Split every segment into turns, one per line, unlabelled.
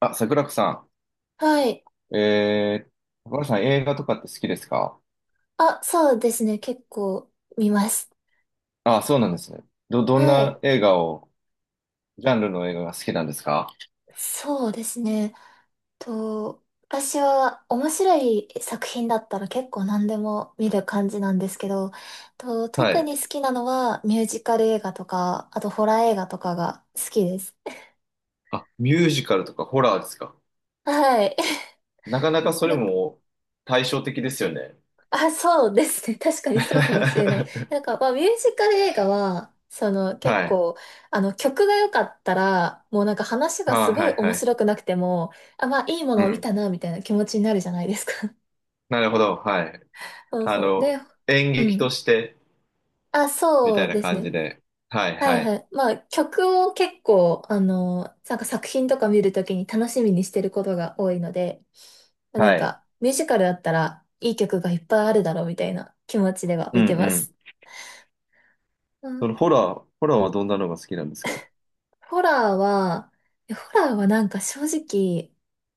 あ、桜子さ
はい。
ん。桜子さん映画とかって好きですか？
あ、そうですね。結構見ます。
あ、そうなんですね。ど、どん
は
な
い。
映画を、ジャンルの映画が好きなんですか？
そうですね。と、私は面白い作品だったら結構何でも見る感じなんですけど、
は
特
い。
に好きなのはミュージカル映画とか、あとホラー映画とかが好きです。
あ、ミュージカルとかホラーですか？
はい。
なかなか それ
なんか、
も対照的ですよね。
あ、そうですね。確かに そうかもしれない。な
は
んか、まあ、ミュージカル映画は、結
い。
構、曲が良かったら、もうなんか話が
あ、
すご
は
い
い
面
はい。
白くなくても、あ、まあ、いいもの
う
を見
ん。
たな、みたいな気持ちになるじゃないですか。
なるほど。はい。
そう
あ
そう。
の、
で、
演
う
劇と
ん。
して、
あ、
み
そ
たい
う
な
です
感じ
ね。
で。はい
はい
は
は
い。
い。まあ、曲を結構、なんか作品とか見るときに楽しみにしてることが多いので、まあなん
はい。
か、ミュージカルだったら、いい曲がいっぱいあるだろう、みたいな気持ちでは
う
見
ん
てま
うん。
す。
そのホラーはどんなのが好きなんですか？
ホラーは、いやホラーはなんか正直、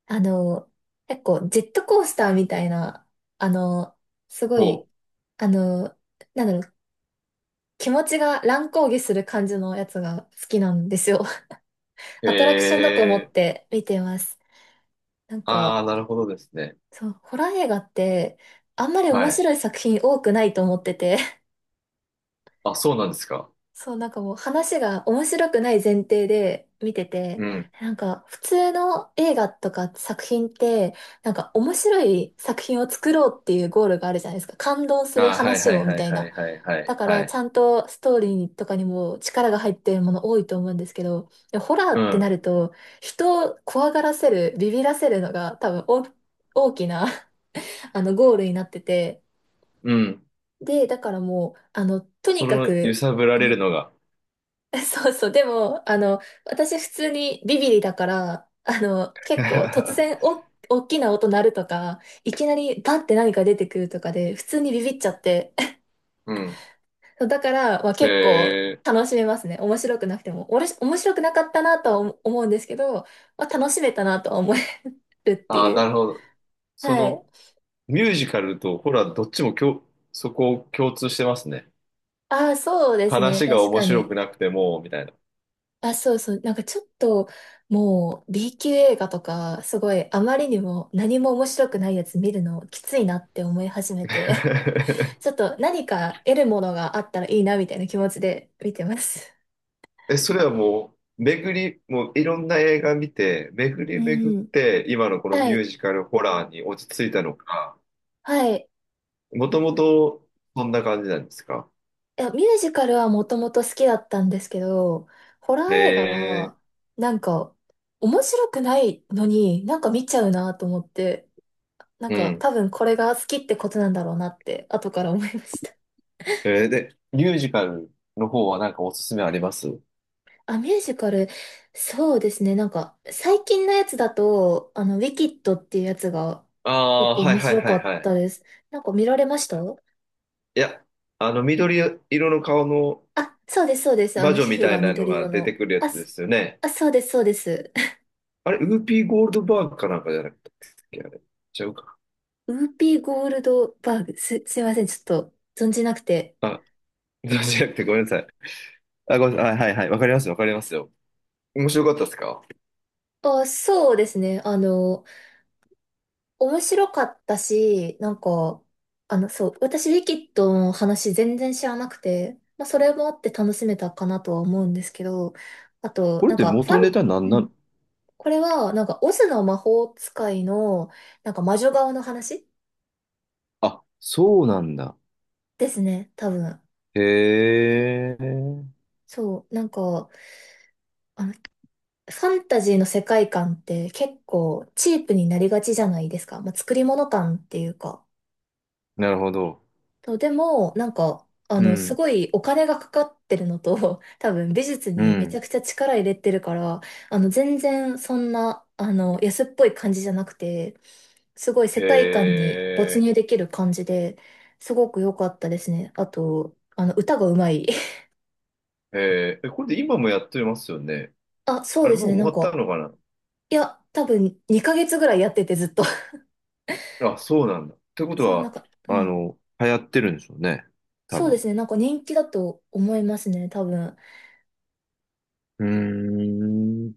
あの、結構ジェットコースターみたいな、あの、すご
お、
い、あの、なんだろう、気持ちが乱高下する感じのやつが好きなんですよ。
へ
アトラクションだと思っ
え。
て見てます。なん
あ
か、
あ、なるほどですね。
そう、ホラー映画って、あんまり面
はい。
白い作品多くないと思ってて、
あ、そうなんですか。
そう、なんかもう話が面白くない前提で見てて、
うん。
なんか普通の映画とか作品って、なんか面白い作品を作ろうっていうゴールがあるじゃないですか。感動する
ああ、はい
話
はい
をみ
はい
たい
は
な。
いはいは
だ
い
か
は
らち
い。
ゃんとストーリーとかにも力が入ってるもの多いと思うんですけど、でホラー
う
ってな
ん。
ると、人を怖がらせる、ビビらせるのが多分大きな ゴールになってて、
うん。
で、だからもう、と
そ
にか
の揺
く、
さぶられるのが。
そうそう。でも、私普通にビビリだから、結構突然 大きな音鳴るとか、いきなりバンって何か出てくるとかで、普通にビビっちゃって。
うん。
そうだから、まあ、結構
へえ。
楽しめますね。面白くなくても。おもし面白くなかったなとは思うんですけど、まあ、楽しめたなとは思えるって
ああ、
い
な
う。
るほど。そ
はい。
のミュージカルとホラーどっちもそこを共通してますね。
ああ、そうですね。
話が
確
面
か
白
に。
くなくても、みたいな。
あ、そうそう。なんかちょっと、もう B 級映画とか、すごいあまりにも何も面白くないやつ見るのきついなって思い始めて、ちょっ と何か得るものがあったらいいなみたいな気持ちで見てます。
え、それはもう、もういろんな映画見て、巡
う
り巡っ
ん。
て、今のこの
は
ミュー
い。
ジカルホラーに落ち着いたのか、
はい。
もともと、そんな感じなんですか？
いや、ミュージカルはもともと好きだったんですけど、ホラー
へ
映画
え、
は、なんか、面白くないのになんか見ちゃうなと思って、なん
う
か
ん。
多分これが好きってことなんだろうなって、後から思いました。
で、ミュージカルの方はなんかおすすめあります？
あ、ミュージカル、そうですね。なんか、最近のやつだと、ウィキッドっていうやつが結
ああ
構
ー、はい
面
はい
白
は
か
い
っ
はい。
たです。なんか見られました？
いや、あの、緑色の顔の
あ、そうです、そうです。
魔女
皮
み
膚
た
が
いなの
緑色
が出て
の。
くるや
あ、
つですよね。
あ、そうです、そうです。
あれ、ウーピーゴールドバーグかなんかじゃなかったっけあれ。ちゃうか。
ウーピーゴールドバーグ。すいません、ちょっと存じなくて。
あ、じゃなくてごめんなさい。あ、ごめんなさい。はいはいはい。わかりますよわかりますよ。面白かったですか？
あ、そうですね。面白かったし、なんか、そう、私、ウィキッドの話全然知らなくて、まあ、それもあって楽しめたかなとは思うんですけど、あと、
これ
な
っ
ん
て
か、ファ
元ネ
ン、
タなん
う
な
ん、
の？
これは、なんか、オズの魔法使いの、なんか、魔女側の話
あ、そうなんだ。
ですね、多分。
へえ。
そう、なんか、あの、ファンタジーの世界観って結構チープになりがちじゃないですか。まあ、作り物感っていうか。
なるほど。
そう、でも、なんか、
う
す
ん、
ごいお金がかかってるのと、多分美術
う
にめちゃ
ん。
くちゃ力入れてるから、全然そんな、安っぽい感じじゃなくて、すごい世
へ
界観に没
え、
入できる感じで、すごく良かったですね。あと、歌がうまい。
へえ、これで今もやってますよね。
あ、そ
あ
う
れ、
です
もう
ね、
終
なん
わった
か、
のか
いや、多分2ヶ月ぐらいやっててずっと。
な。あ、そうなんだ。ってこと
そう、なん
は、
か、う
あ
ん。
の、流行ってるんでしょうね。多
そうで
分。
すね、なんか人気だと思いますね、多分。
うーん。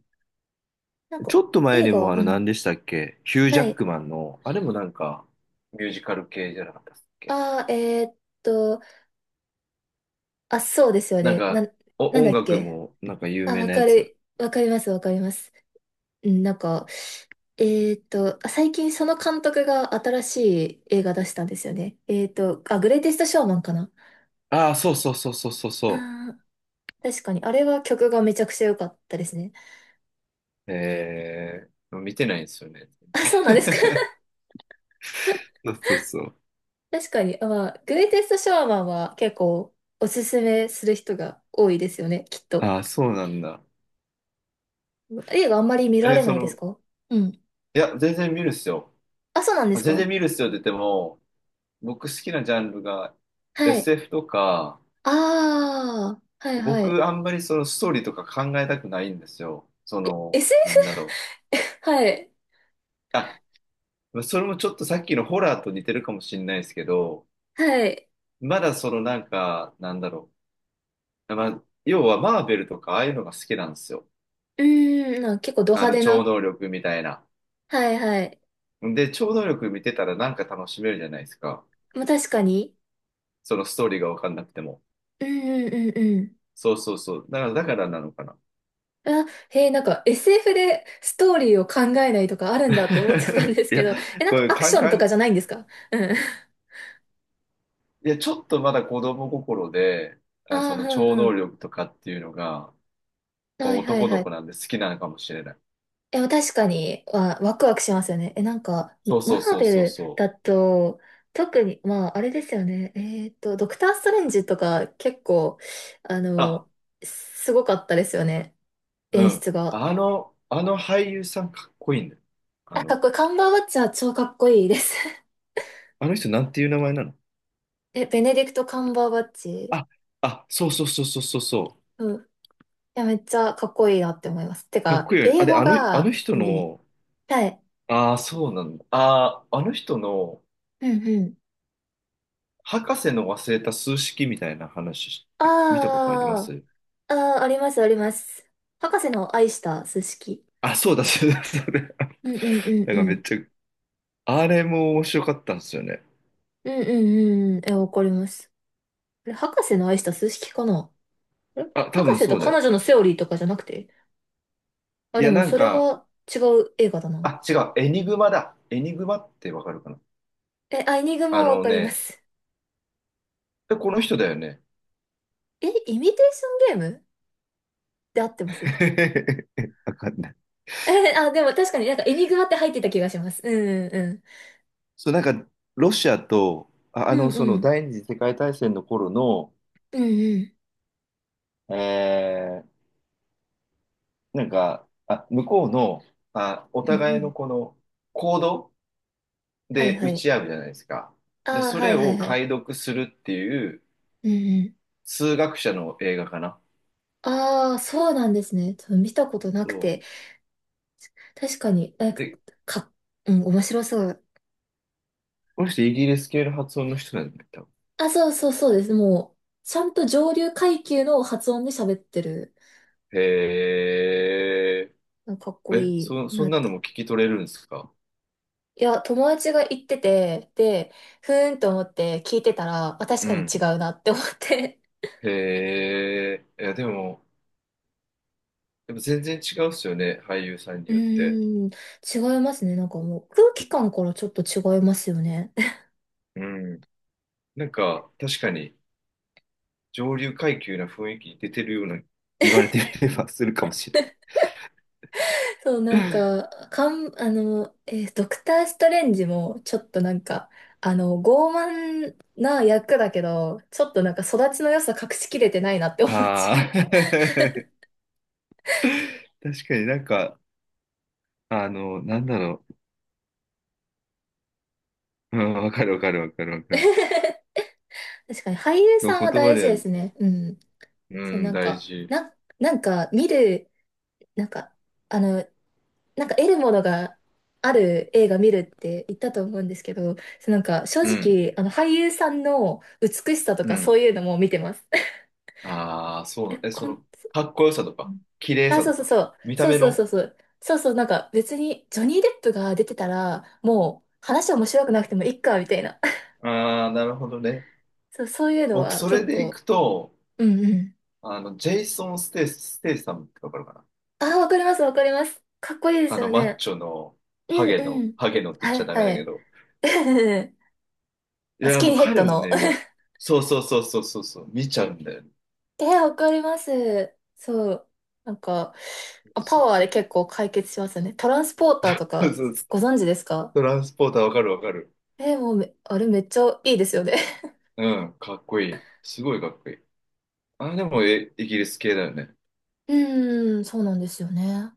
なん
ち
か、
ょっと前
映
に
画、
もあ
う
の
ん。
何でしたっけヒュージ
は
ャッ
い。
クマンの、あれもなんかミュージカル系じゃなかったっけ？
ああ、と、あ、そうですよ
なん
ね。
か、
なんだ
音
っ
楽
け。
もなんか有
あ、
名
わ
なや
か
つ。
る、わかります、わかります。うん、なんか、えあ最近その監督が新しい映画出したんですよね。あ、グレイテストショーマンかな。
ああ、そうそうそうそうそうそ
ああ、確かに。あれは曲がめちゃくちゃ良かったですね。
う。見てないんですよね。
あ、そうなんですか。
そうそうそう。
確かに。あ、まあ、グレイテストショーマンは結構おすすめする人が多いですよね、きっと。
ああ、そうなんだ。
映画あんまり見られ
そ
ないです
の、
か？うん。
いや、全然見るっすよ。
あ、そうなんで
あ
す
全然
か？
見るっすよって言っても、僕好きなジャンルが
はい。
SF とか、
ああ、はいはい。
僕あんまりそのストーリーとか考えたくないんですよ。その、なんだろ
SF？ はい。
う。あ、それもちょっとさっきのホラーと似てるかもしれないですけど、
はい。
まだそのなんか、なんだろう。まあ、要はマーベルとかああいうのが好きなんですよ。
うーん、なんか結構ド
あ
派
の、
手
超
な。
能力みたいな。
はいはい。
で、超能力見てたらなんか楽しめるじゃないですか。
まあ確かに。
そのストーリーがわかんなくても。
うんうんうんうん。
そうそうそう。だからなのかな。
あ、へえ、なんか SF でストーリーを考えないとかあるんだって思っちゃったんで す
い
け
や、
ど、え、なん
こ
か
れ、
アク
カ
シ
ン
ョン
カ
とか
ン、
じゃないんですか？うん。
いや、ちょっとまだ子供心で、
あ
あ、
あ、
その
うん
超
う
能
ん。
力とかっていうのが、
はいはい
男の
は
子
い。
なんで好きなのかもしれない。
え、確かに、ワクワクしますよね。え、なんか、
そうそう
マー
そう
ベ
そう
ル
そ
だ
う。
と、特に、まあ、あれですよね。ドクター・ストレンジとか、結構、あ
あ、
の、すごかったですよね。
う
演
ん。
出が。
あの俳優さんかっこいいんだよ。あ
あ、かっ
の、
こいい。カンバーバッチは超かっこいいです。
あの、人なんていう名前なの？
え、ベネディクト・カンバーバッチ。
あ、あ、そうそうそうそうそうそう。
うん。いや、めっちゃかっこいいなって思います。て
かっこ
か、
いいよね。あ、
英
で、
語
あの、あの
が、
人
いい。
の、
はい。
ああ、そうなんだ。ああ、あの人の、
うんうん。
博士の忘れた数式みたいな話、見たことありま
あ
す？
あ、ああ、あります、あります。博士の愛した数式。
あ、そうだ、そうだ、そうだ。
うんうんうん
なん
う
かめっち
ん。
ゃ、あれも面白かったんですよね。
うんうんうん。え、わかります。あれ、博士の愛した数式かな？あれ
あ、多
博
分
士と
そうだ
彼
よ。
女のセオリーとかじゃなくて？あ、
い
で
や、
も
なん
それ
か、
は違う映画だな。
あ、違う、エニグマだ。エニグマってわかるかな？
え、アイニグマ
あ
はわ
の
かりま
ね、
す。
この人だよね。
え、イミテーションゲームで合ってます
わかんない。
え、あ、でも確かになんかエニグマって入ってた気がします。うんうん
そう、なんか、ロシアと、あ、
う
あ
ん。
の、
うん
そ
う
の
ん。
第二次世界大戦の頃の、
うんうん。
えー、なんか、あ、向こうの、あ、お
うんう
互いの
ん。
この、行動
はい
で
は
打
い。
ち合うじゃないですか。で、
ああ、
そ
は
れ
いは
を
いはい。
解読するっていう、
うんうん。
数学者の映画かな。
ああ、そうなんですね。ちょっと見たことなく
そ
て。確かに、え、
う
か、うん、面白そう。
この人イギリス系の発音の人なんだよ多分。
あ、そうそうそうです。もう、ちゃんと上流階級の発音で喋ってる。
へえ。
なんかかっこ
え、
いい
そ、
な
そん
っ
なの
て。
も聞き取れるんですか？
いや、友達が言ってて、で、ふーんと思って聞いてたら、あ、確
う
かに違
ん。
うなって思って。
へえ。いや、でも、やっぱ全然違うっすよね、俳優さん に
う
よって。
ーん、違いますね。なんかもう空気感からちょっと違いますよね。
うん。なんか、確かに、上流階級な雰囲気出てるような、言われてみればするかもしれ
そう、
な
なん
い。
か、ドクター・ストレンジも、ちょっとなんか、傲慢な役だけど、ちょっとなんか育ちの良さ隠しきれてないなって 思っちゃ
あ
う。
あ。確かになんか、あの、なんだろう。うん、わかるわかるわかるわかる。
確かに俳優
言
さんは
葉
大事
で
で
は
すね。うん。
う
そう、
ん、
なん
大
か、
事。
なんか見る、なんか、あの、なんか得るものがある映画見るって言ったと思うんですけど、そうなんか正
うん、
直、あの俳優さんの美しさと
う
かそ
ん。
ういうのも見てます。
ああ、そ
え、
うだ。その、かっこよさとか、綺麗
あ、
さ
そう
と
そう
か、
そう。
見た
そう
目
そうそう
の。
そう。そうそう、なんか別にジョニー・デップが出てたら、もう話面白くなくてもいいか、みたいな。
ああ、なるほどね。
そう、そういうの
僕、
は
それ
結
でいく
構。
と、
うんうん。
あの、ジェイソン・ステイさんってわかるかな？
あ、わかります、わかります。かっこいいで
あ
す
の、
よ
マッ
ね。
チョの、
う
ハ
ん
ゲ
う
の、
ん。
ハゲのって言
は
っちゃ
い
ダメだ
は
け
い。
ど。い
ス
や、
キ
も
ン
う
ヘッ
彼
ド
も
の。
ね、そうそうそうそうそう、そう見ちゃうんだよね。
えわかります。そう。なんか、パ
そう
ワーで
そう。
結構解決しますよね。トランスポーターと
そう
か、
そうそう
ご存知ですか？
トランスポーターわかるわかる。
えもうめ、あれめっちゃいいですよね。
うん、かっこいい。すごいかっこいい。あ、でも、イギリス系だよね。
うーん、そうなんですよね。